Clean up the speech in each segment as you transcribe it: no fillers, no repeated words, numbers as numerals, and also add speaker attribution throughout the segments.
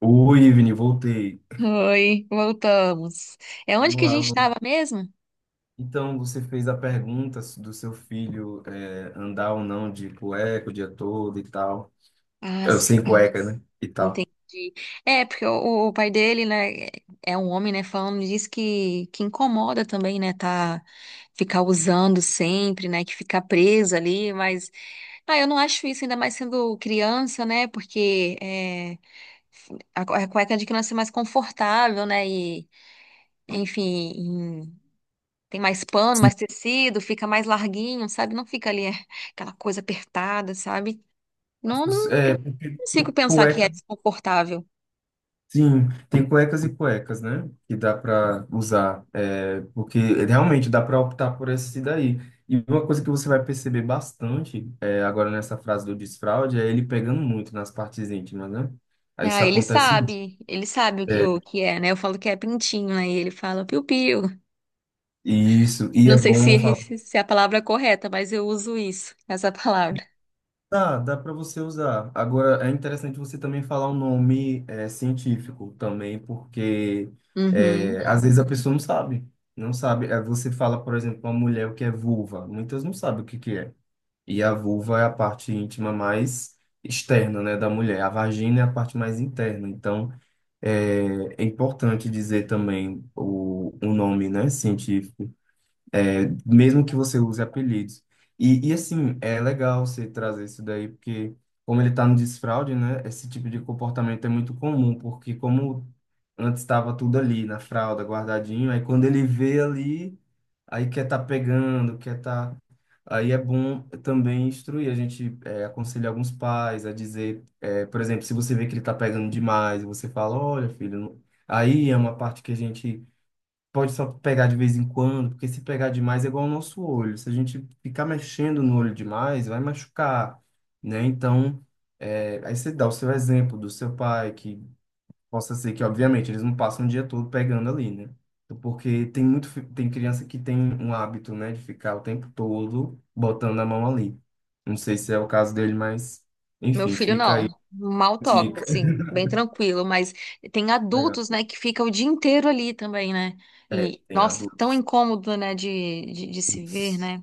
Speaker 1: Oi, Ivni, voltei.
Speaker 2: Oi, voltamos. É onde
Speaker 1: Vamos
Speaker 2: que a
Speaker 1: lá.
Speaker 2: gente estava mesmo?
Speaker 1: Então, você fez a pergunta do seu filho andar ou não de cueca o dia todo e tal.
Speaker 2: Ah,
Speaker 1: É,
Speaker 2: sim,
Speaker 1: sem cueca, né? E tal.
Speaker 2: entendi. É, porque o pai dele, né, é um homem, né, falando disso que incomoda também, né, tá, ficar usando sempre, né, que ficar preso ali, mas, ah, eu não acho isso, ainda mais sendo criança, né, porque é, a cueca de criança é mais confortável, né, e, enfim, em- tem mais pano,
Speaker 1: Sim.
Speaker 2: mais tecido, fica mais larguinho, sabe, não fica ali é, aquela coisa apertada, sabe? Não, não, eu
Speaker 1: É,
Speaker 2: não consigo pensar que é
Speaker 1: cueca.
Speaker 2: desconfortável.
Speaker 1: Sim, tem cuecas e cuecas, né? Que dá para usar, porque realmente dá para optar por esse daí. E uma coisa que você vai perceber bastante agora nessa frase do desfraude é ele pegando muito nas partes íntimas, né? Aí
Speaker 2: Ah,
Speaker 1: isso acontece.
Speaker 2: ele sabe o que é, né? Eu falo que é pintinho, aí ele fala piu-piu.
Speaker 1: Isso, e
Speaker 2: Não
Speaker 1: é
Speaker 2: sei
Speaker 1: bom
Speaker 2: se,
Speaker 1: falar,
Speaker 2: se é a palavra é correta, mas eu uso isso, essa palavra.
Speaker 1: tá, dá para você usar. Agora, é interessante você também falar o nome científico também, porque
Speaker 2: Uhum.
Speaker 1: às vezes a pessoa não sabe. Não sabe. Aí você fala, por exemplo, uma mulher o que é vulva. Muitas não sabem o que que é. E a vulva é a parte íntima mais externa, né, da mulher. A vagina é a parte mais interna. Então, é, é importante dizer também o nome, né, científico, mesmo que você use apelidos. E assim, é legal você trazer isso daí, porque como ele está no desfraude, né, esse tipo de comportamento é muito comum, porque como antes estava tudo ali na fralda, guardadinho, aí quando ele vê ali, aí quer tá pegando, quer tá... Aí é bom também instruir, a gente aconselha alguns pais a dizer, é, por exemplo, se você vê que ele tá pegando demais, você fala, olha, filho, aí é uma parte que a gente pode só pegar de vez em quando, porque se pegar demais é igual ao nosso olho. Se a gente ficar mexendo no olho demais, vai machucar, né? Então, aí você dá o seu exemplo do seu pai, que possa ser que, obviamente, eles não passam o dia todo pegando ali, né? Porque tem muito, tem criança que tem um hábito, né, de ficar o tempo todo botando a mão ali. Não sei se é o caso dele, mas,
Speaker 2: Meu
Speaker 1: enfim,
Speaker 2: filho
Speaker 1: fica aí.
Speaker 2: não, mal
Speaker 1: A
Speaker 2: toca,
Speaker 1: dica.
Speaker 2: assim, bem tranquilo, mas tem
Speaker 1: Legal.
Speaker 2: adultos, né, que ficam o dia inteiro ali também, né?
Speaker 1: É,
Speaker 2: E,
Speaker 1: tem
Speaker 2: nossa, tão
Speaker 1: adultos.
Speaker 2: incômodo, né, de se ver, né?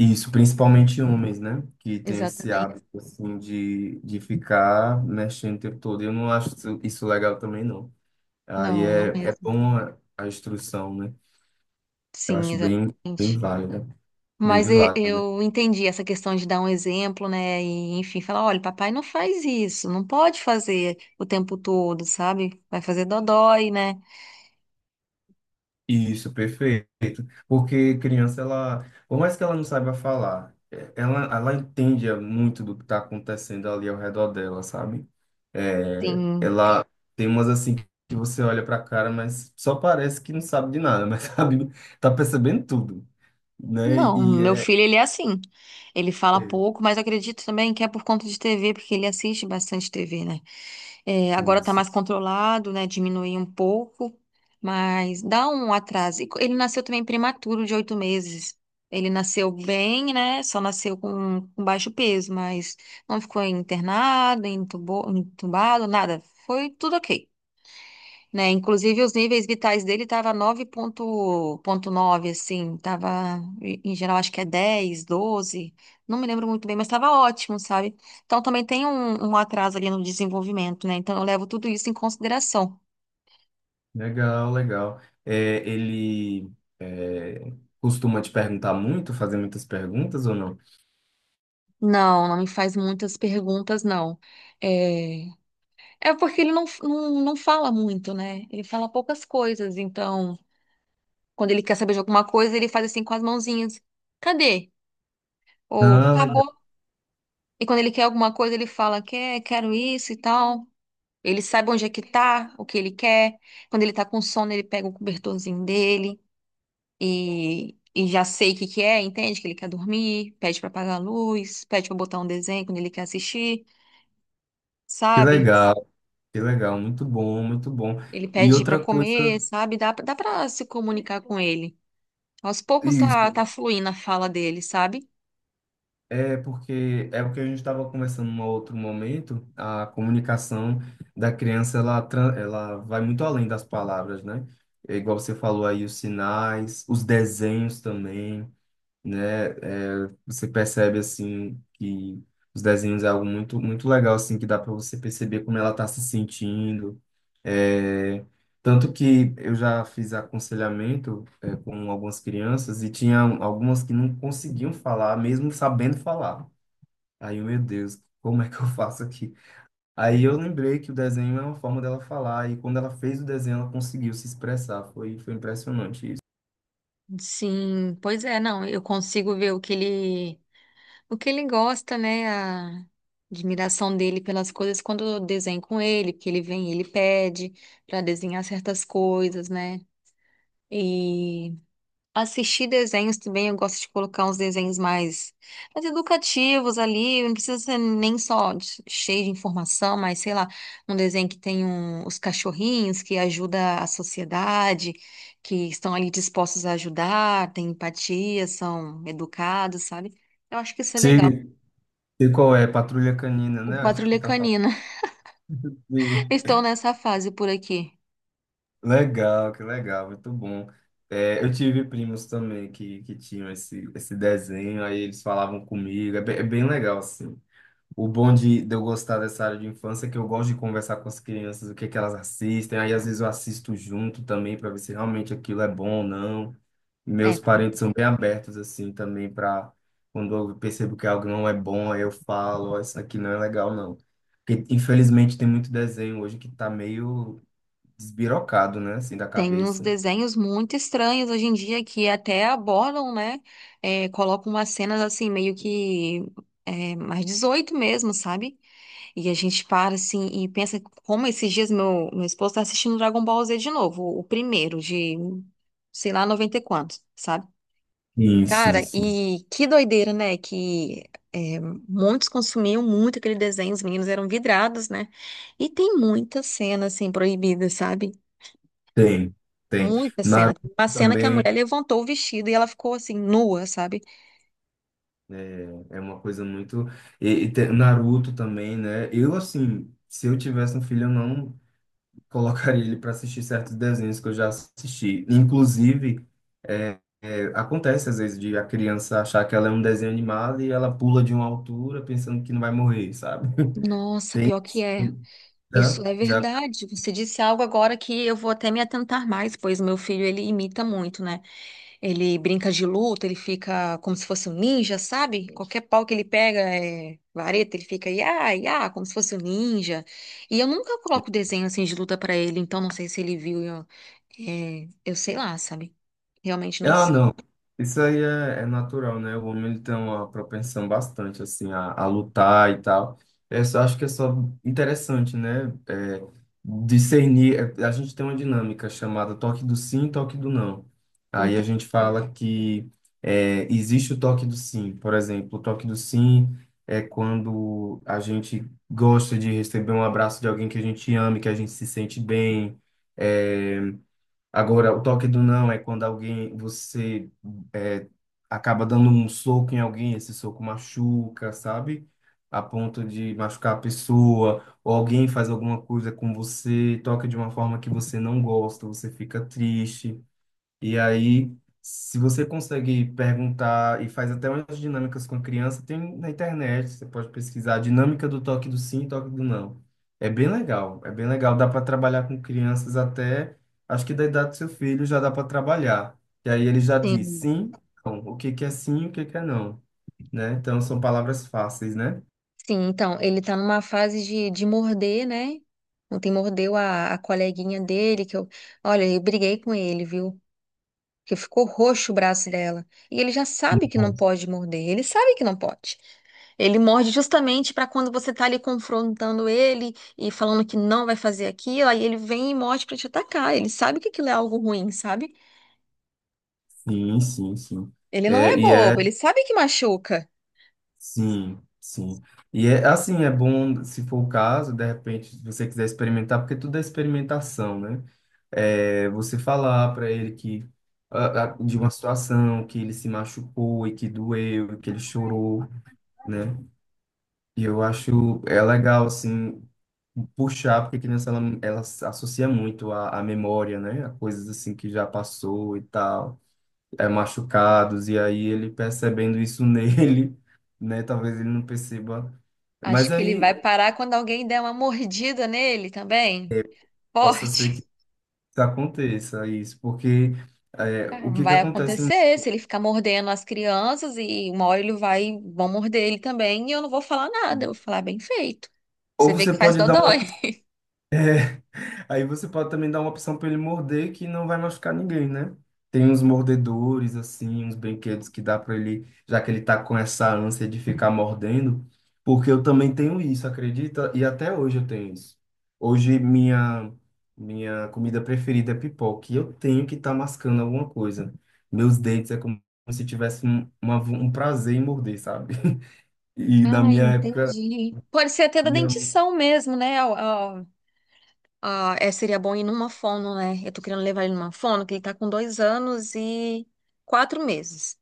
Speaker 1: Isso, principalmente homens, né? Que tem esse
Speaker 2: Exatamente.
Speaker 1: hábito, assim, de ficar mexendo o tempo todo. Eu não acho isso legal também, não. Aí
Speaker 2: Não, não
Speaker 1: é
Speaker 2: mesmo.
Speaker 1: bom a instrução, né? Eu
Speaker 2: Sim,
Speaker 1: acho bem
Speaker 2: exatamente.
Speaker 1: válida, bem
Speaker 2: Mas
Speaker 1: válida.
Speaker 2: eu entendi essa questão de dar um exemplo, né? E, enfim, falar, olha, papai não faz isso, não pode fazer o tempo todo, sabe? Vai fazer dodói, né?
Speaker 1: Isso, perfeito. Porque criança, ela, por mais que ela não saiba falar, ela entende muito do que está acontecendo ali ao redor dela, sabe? É,
Speaker 2: Tem...
Speaker 1: ela tem umas assim que você olha para a cara, mas só parece que não sabe de nada, mas sabe, tá percebendo tudo, né?
Speaker 2: Não,
Speaker 1: E
Speaker 2: meu filho, ele é assim. Ele fala
Speaker 1: é
Speaker 2: pouco, mas eu acredito também que é por conta de TV, porque ele assiste bastante TV, né? É, agora está
Speaker 1: isso.
Speaker 2: mais controlado, né? Diminuiu um pouco, mas dá um atraso. E Ele nasceu também prematuro, de 8 meses. Ele nasceu bem, né? Só nasceu com baixo peso, mas não ficou internado, entubado, nada. Foi tudo ok, né? Inclusive, os níveis vitais dele tava 9,9, assim, tava, em geral, acho que é 10 12, não me lembro muito bem, mas estava ótimo, sabe? Então, também tem um atraso ali no desenvolvimento, né? Então, eu levo tudo isso em consideração.
Speaker 1: Legal, legal. É, ele é, costuma te perguntar muito, fazer muitas perguntas ou não?
Speaker 2: Não, não me faz muitas perguntas, não. É, é porque ele não fala muito, né? Ele fala poucas coisas, então, quando ele quer saber de alguma coisa, ele faz assim com as mãozinhas. Cadê? Ou
Speaker 1: Ah, legal.
Speaker 2: acabou. E quando ele quer alguma coisa, ele fala, quero isso e tal. Ele sabe onde é que tá, o que ele quer. Quando ele tá com sono, ele pega o cobertorzinho dele e já sei o que que é, entende? Que ele quer dormir, pede pra apagar a luz, pede pra botar um desenho quando ele quer assistir,
Speaker 1: Que
Speaker 2: sabe?
Speaker 1: legal. Que legal, muito bom, muito bom.
Speaker 2: Ele
Speaker 1: E
Speaker 2: pede pra
Speaker 1: outra
Speaker 2: comer,
Speaker 1: coisa,
Speaker 2: sabe? Dá pra se comunicar com ele. Aos poucos tá,
Speaker 1: isso,
Speaker 2: tá fluindo a fala dele, sabe?
Speaker 1: é porque é o que a gente estava conversando em um outro momento, a comunicação da criança, ela vai muito além das palavras, né? É igual você falou aí, os sinais, os desenhos também. Né? É, você percebe assim que os desenhos é algo muito legal assim que dá para você perceber como ela está se sentindo. É, tanto que eu já fiz aconselhamento com algumas crianças e tinha algumas que não conseguiam falar, mesmo sabendo falar. Meu Deus, como é que eu faço aqui? Aí eu lembrei que o desenho é uma forma dela falar e quando ela fez o desenho ela conseguiu se expressar. Foi impressionante isso.
Speaker 2: Sim, pois é, não, eu consigo ver o que ele gosta, né? A admiração dele pelas coisas quando eu desenho com ele, porque ele vem e ele pede para desenhar certas coisas, né? E assistir desenhos também, eu gosto de colocar uns desenhos mais educativos ali, não precisa ser nem cheio de informação, mas sei lá, um desenho que tem os cachorrinhos que ajuda a sociedade, que estão ali dispostos a ajudar, têm empatia, são educados, sabe? Eu acho que isso é legal.
Speaker 1: Sei, sei qual é, Patrulha Canina,
Speaker 2: O
Speaker 1: né? Acho que você
Speaker 2: Patrulha
Speaker 1: tá falando.
Speaker 2: Canina.
Speaker 1: Sim.
Speaker 2: Estou nessa fase por aqui.
Speaker 1: Legal, que legal, muito bom. É, eu tive primos também que tinham esse desenho, aí eles falavam comigo, é bem legal, assim. O bom de eu gostar dessa área de infância é que eu gosto de conversar com as crianças, o que é que elas assistem, aí às vezes eu assisto junto também para ver se realmente aquilo é bom ou não.
Speaker 2: É,
Speaker 1: Meus parentes são bem abertos, assim, também para quando eu percebo que algo não é bom, aí eu falo, ó, isso aqui não é legal, não. Porque, infelizmente, tem muito desenho hoje que tá meio desbirocado, né? Assim, da
Speaker 2: tem uns
Speaker 1: cabeça.
Speaker 2: desenhos muito estranhos hoje em dia que até abordam, né? É, colocam umas cenas assim, meio que é, mais 18 mesmo, sabe? E a gente para assim e pensa como esses dias meu esposo tá assistindo Dragon Ball Z de novo, o primeiro de, sei lá, 90 e quantos, sabe?
Speaker 1: Sim,
Speaker 2: Cara,
Speaker 1: sim, sim.
Speaker 2: e que doideira, né? Que é, muitos consumiam muito aquele desenho, os meninos eram vidrados, né? E tem muita cena, assim, proibida, sabe?
Speaker 1: Tem, tem.
Speaker 2: Muita cena.
Speaker 1: Naruto
Speaker 2: Tem uma cena que a
Speaker 1: também
Speaker 2: mulher levantou o vestido e ela ficou, assim, nua, sabe?
Speaker 1: é uma coisa muito. Naruto também, né? Eu, assim, se eu tivesse um filho, eu não colocaria ele para assistir certos desenhos que eu já assisti. Inclusive, acontece às vezes de a criança achar que ela é um desenho animado e ela pula de uma altura pensando que não vai morrer, sabe?
Speaker 2: Nossa,
Speaker 1: Tem.
Speaker 2: pior que é.
Speaker 1: Né?
Speaker 2: Isso é
Speaker 1: Já
Speaker 2: verdade. Você disse algo agora que eu vou até me atentar mais, pois meu filho, ele imita muito, né? Ele brinca de luta, ele fica como se fosse um ninja, sabe? Qualquer pau que ele pega é vareta, ele fica ia, ia, como se fosse um ninja. E eu nunca coloco desenho assim de luta pra ele, então não sei se ele viu. Eu sei lá, sabe? Realmente não
Speaker 1: Ah,
Speaker 2: sei.
Speaker 1: não. Isso aí é natural, né? O homem ele tem uma propensão bastante, assim, a lutar e tal. Eu só acho que é só interessante, né? Discernir. A gente tem uma dinâmica chamada toque do sim, toque do não. Aí a
Speaker 2: Então,
Speaker 1: gente fala que existe o toque do sim. Por exemplo, o toque do sim é quando a gente gosta de receber um abraço de alguém que a gente ama, e que a gente se sente bem. é, Agora, o toque do não é quando alguém, você é, acaba dando um soco em alguém, esse soco machuca, sabe? A ponto de machucar a pessoa, ou alguém faz alguma coisa com você, toca de uma forma que você não gosta, você fica triste. E aí, se você consegue perguntar e faz até umas dinâmicas com criança, tem na internet, você pode pesquisar dinâmica do toque do sim toque do não. É bem legal, é bem legal. Dá para trabalhar com crianças até, acho que da idade do seu filho já dá para trabalhar. E aí ele já diz
Speaker 2: sim,
Speaker 1: sim, não. O que que é sim, o que que é não, né? Então são palavras fáceis, né?
Speaker 2: sim, então, ele tá numa fase de morder, né? Ontem mordeu a coleguinha dele, que eu. Olha, eu briguei com ele, viu? Que ficou roxo o braço dela. E ele já sabe que não
Speaker 1: Bom,
Speaker 2: pode morder, ele sabe que não pode. Ele morde justamente para quando você tá ali confrontando ele e falando que não vai fazer aquilo, aí ele vem e morde para te atacar. Ele sabe que aquilo é algo ruim, sabe?
Speaker 1: sim, sim, sim.
Speaker 2: Ele não
Speaker 1: É,
Speaker 2: é
Speaker 1: e é.
Speaker 2: bobo, ele sabe que machuca.
Speaker 1: Sim, sim. E é assim, é bom, se for o caso, de repente, se você quiser experimentar, porque tudo é experimentação, né? É, você falar para ele que de uma situação que ele se machucou e que doeu, e que ele chorou, né? E eu acho é legal assim puxar, porque a criança ela se associa muito à memória, né? A coisas assim que já passou e tal, é machucados e aí ele percebendo isso nele né? Talvez ele não perceba
Speaker 2: Acho
Speaker 1: mas
Speaker 2: que ele
Speaker 1: aí
Speaker 2: vai parar quando alguém der uma mordida nele também.
Speaker 1: possa
Speaker 2: Forte.
Speaker 1: ser que aconteça isso, porque é, o que que
Speaker 2: Vai
Speaker 1: acontece?
Speaker 2: acontecer, se ele ficar mordendo as crianças e uma hora vão morder ele também e eu não vou falar nada, eu vou falar bem feito. Você
Speaker 1: Ou
Speaker 2: vê
Speaker 1: você
Speaker 2: que faz
Speaker 1: pode dar uma
Speaker 2: dodói.
Speaker 1: Aí você pode também dar uma opção para ele morder que não vai machucar ninguém, né? Tem uns mordedores, assim, uns brinquedos que dá para ele, já que ele tá com essa ânsia de ficar mordendo, porque eu também tenho isso, acredita? E até hoje eu tenho isso. Hoje minha comida preferida é pipoca, e eu tenho que estar mascando alguma coisa. Meus dentes é como se tivesse um prazer em morder, sabe? E na
Speaker 2: Ah,
Speaker 1: minha época,
Speaker 2: entendi. Pode ser até da
Speaker 1: minha...
Speaker 2: dentição mesmo, né? Seria bom ir numa fono, né? Eu tô querendo levar ele numa fono, que ele tá com 2 anos e 4 meses.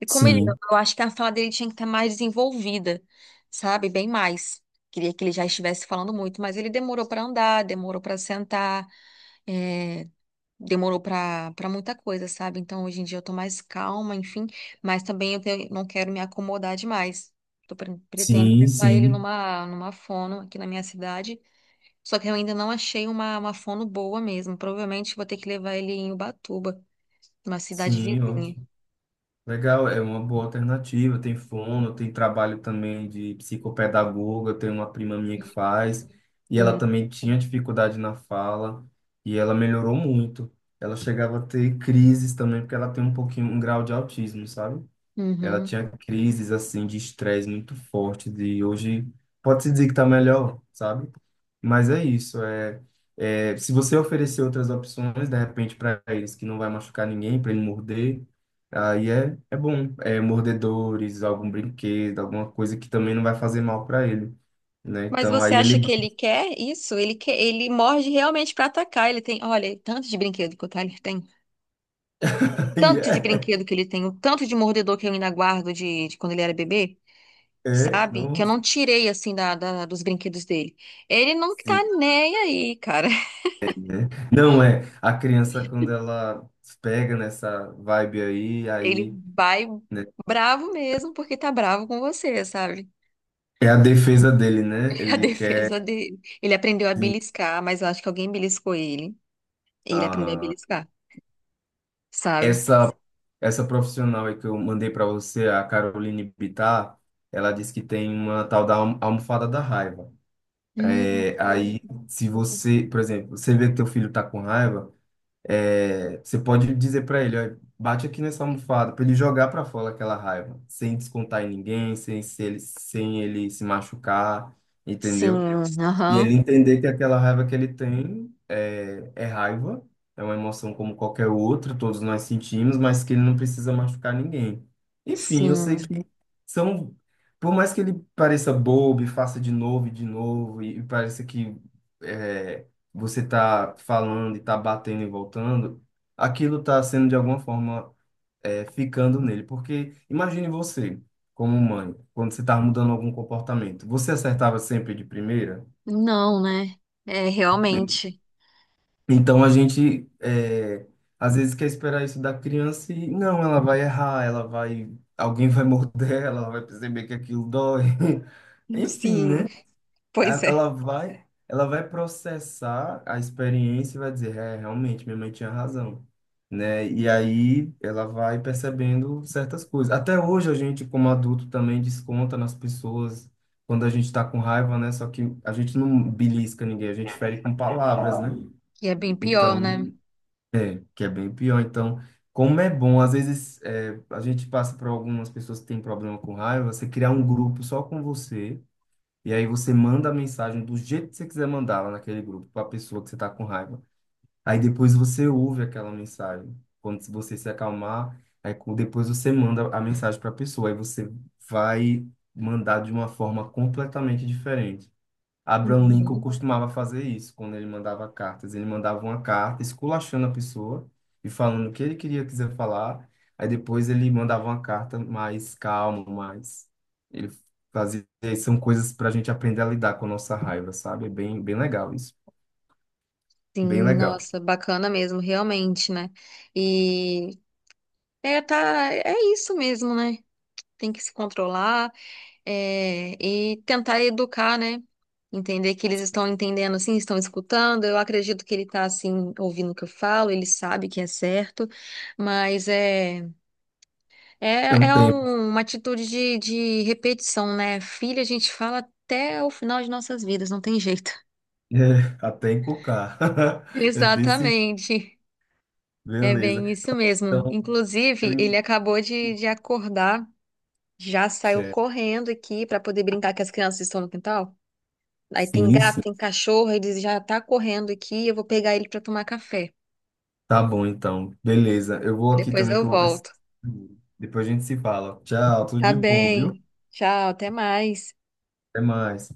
Speaker 2: E como ele,
Speaker 1: Sim,
Speaker 2: eu acho que a fala dele tinha que estar mais desenvolvida, sabe? Bem mais. Queria que ele já estivesse falando muito, mas ele demorou para andar, demorou para sentar. é, Demorou pra para muita coisa, sabe? Então hoje em dia eu tô mais calma, enfim, mas também eu não quero me acomodar demais. Tô pretendo
Speaker 1: sim,
Speaker 2: levar ele
Speaker 1: sim,
Speaker 2: numa fono aqui na minha cidade, só que eu ainda não achei uma fono boa mesmo. Provavelmente vou ter que levar ele em Ubatuba, uma cidade
Speaker 1: sim, ó.
Speaker 2: vizinha.
Speaker 1: Legal, é uma boa alternativa. Tem fono, tem trabalho também de psicopedagoga. Tem uma prima minha que faz, e ela
Speaker 2: Sim.
Speaker 1: também tinha dificuldade na fala, e ela melhorou muito. Ela chegava a ter crises também, porque ela tem um pouquinho, um grau de autismo, sabe? Ela
Speaker 2: Uhum.
Speaker 1: tinha crises assim de estresse muito forte, de hoje pode-se dizer que está melhor, sabe? Mas é isso, é se você oferecer outras opções de repente para eles que não vai machucar ninguém, para ele morder, aí é bom, é mordedores, algum brinquedo, alguma coisa que também não vai fazer mal para ele, né?
Speaker 2: Mas
Speaker 1: Então
Speaker 2: você
Speaker 1: aí ele
Speaker 2: acha que ele quer isso? Ele quer, ele morde realmente pra atacar. Ele tem, olha, tanto de brinquedo que o Tyler tem.
Speaker 1: aí
Speaker 2: Tanto de
Speaker 1: é,
Speaker 2: brinquedo que ele tem, o tanto de mordedor que eu ainda guardo de quando ele era bebê, sabe? Que eu
Speaker 1: nossa,
Speaker 2: não tirei, assim, dos brinquedos dele. Ele não tá
Speaker 1: sim.
Speaker 2: nem aí, cara.
Speaker 1: Não é, a criança quando ela pega nessa vibe aí,
Speaker 2: Ele
Speaker 1: aí
Speaker 2: vai
Speaker 1: né,
Speaker 2: bravo mesmo porque tá bravo com você, sabe?
Speaker 1: é a defesa dele, né?
Speaker 2: A
Speaker 1: Ele quer
Speaker 2: defesa dele. Ele aprendeu a
Speaker 1: assim,
Speaker 2: beliscar, mas eu acho que alguém beliscou ele. E ele aprendeu a
Speaker 1: ah,
Speaker 2: beliscar, sabe?
Speaker 1: essa essa profissional aí que eu mandei para você, a Caroline Bittar, ela disse que tem uma tal da almofada da raiva.
Speaker 2: Hum,
Speaker 1: É, aí, se você, por exemplo, você vê que teu filho tá com raiva, você pode dizer para ele, ó, bate aqui nessa almofada para ele jogar para fora aquela raiva, sem descontar em ninguém, sem ele se machucar, entendeu?
Speaker 2: sim,
Speaker 1: E
Speaker 2: aham,
Speaker 1: ele entender que aquela raiva que ele tem é raiva, é uma emoção como qualquer outra, todos nós sentimos, mas que ele não precisa machucar ninguém. Enfim, eu sei
Speaker 2: sim.
Speaker 1: que são, por mais que ele pareça bobo e faça de novo e de novo, e pareça que é, você tá falando e tá batendo e voltando, aquilo tá sendo de alguma forma ficando nele. Porque imagine você, como mãe, quando você tá mudando algum comportamento, você acertava sempre de primeira?
Speaker 2: Não, né? É, realmente.
Speaker 1: Então a gente às vezes quer esperar isso da criança e não, ela vai errar, ela vai, alguém vai morder, ela vai perceber que aquilo dói. Enfim,
Speaker 2: Sim,
Speaker 1: né?
Speaker 2: pois é.
Speaker 1: Ela vai processar a experiência e vai dizer, é, realmente, minha mãe tinha razão, né? E aí ela vai percebendo certas coisas. Até hoje a gente, como adulto, também desconta nas pessoas quando a gente está com raiva, né? Só que a gente não belisca ninguém, a gente fere com palavras, né?
Speaker 2: E é bem pior, né?
Speaker 1: Então, que é bem pior. Então, como é bom, às vezes a gente passa por algumas pessoas que têm problema com raiva, você criar um grupo só com você, e aí você manda a mensagem do jeito que você quiser mandá-la naquele grupo, para a pessoa que você está com raiva. Aí depois você ouve aquela mensagem. Quando se- Você se acalmar, depois você manda a mensagem para a pessoa, aí você vai mandar de uma forma completamente diferente. Abraham Lincoln
Speaker 2: Uhum.
Speaker 1: costumava fazer isso quando ele mandava cartas. Ele mandava uma carta esculachando a pessoa e falando o que ele queria quiser falar. Aí depois ele mandava uma carta mais calma, mais. Ele fazia. São coisas para a gente aprender a lidar com a nossa raiva, sabe? É bem, bem legal isso.
Speaker 2: Sim,
Speaker 1: Bem legal.
Speaker 2: nossa, bacana mesmo, realmente, né? E é, tá, é isso mesmo, né? Tem que se controlar, e tentar educar, né? Entender que eles estão entendendo, assim, estão escutando. Eu acredito que ele está assim, ouvindo o que eu falo, ele sabe que é certo, mas
Speaker 1: É um tempo.
Speaker 2: uma atitude de repetição, né? Filho, a gente fala até o final de nossas vidas, não tem jeito.
Speaker 1: É, até encocar. É desse.
Speaker 2: Exatamente. É
Speaker 1: Beleza.
Speaker 2: bem isso mesmo.
Speaker 1: Então,
Speaker 2: Inclusive, ele
Speaker 1: eu-
Speaker 2: acabou de acordar, já saiu
Speaker 1: Certo.
Speaker 2: correndo aqui para poder brincar que as crianças estão no quintal. Aí tem gato,
Speaker 1: Sim,
Speaker 2: tem cachorro, ele já tá correndo aqui, eu vou pegar ele para tomar café.
Speaker 1: tá bom, então. Beleza. Eu vou aqui
Speaker 2: Depois
Speaker 1: também que
Speaker 2: eu
Speaker 1: eu vou precisar.
Speaker 2: volto.
Speaker 1: Depois a gente se fala. Tchau, tudo
Speaker 2: Tá
Speaker 1: de bom, viu?
Speaker 2: bem. Tchau, até mais.
Speaker 1: Até mais.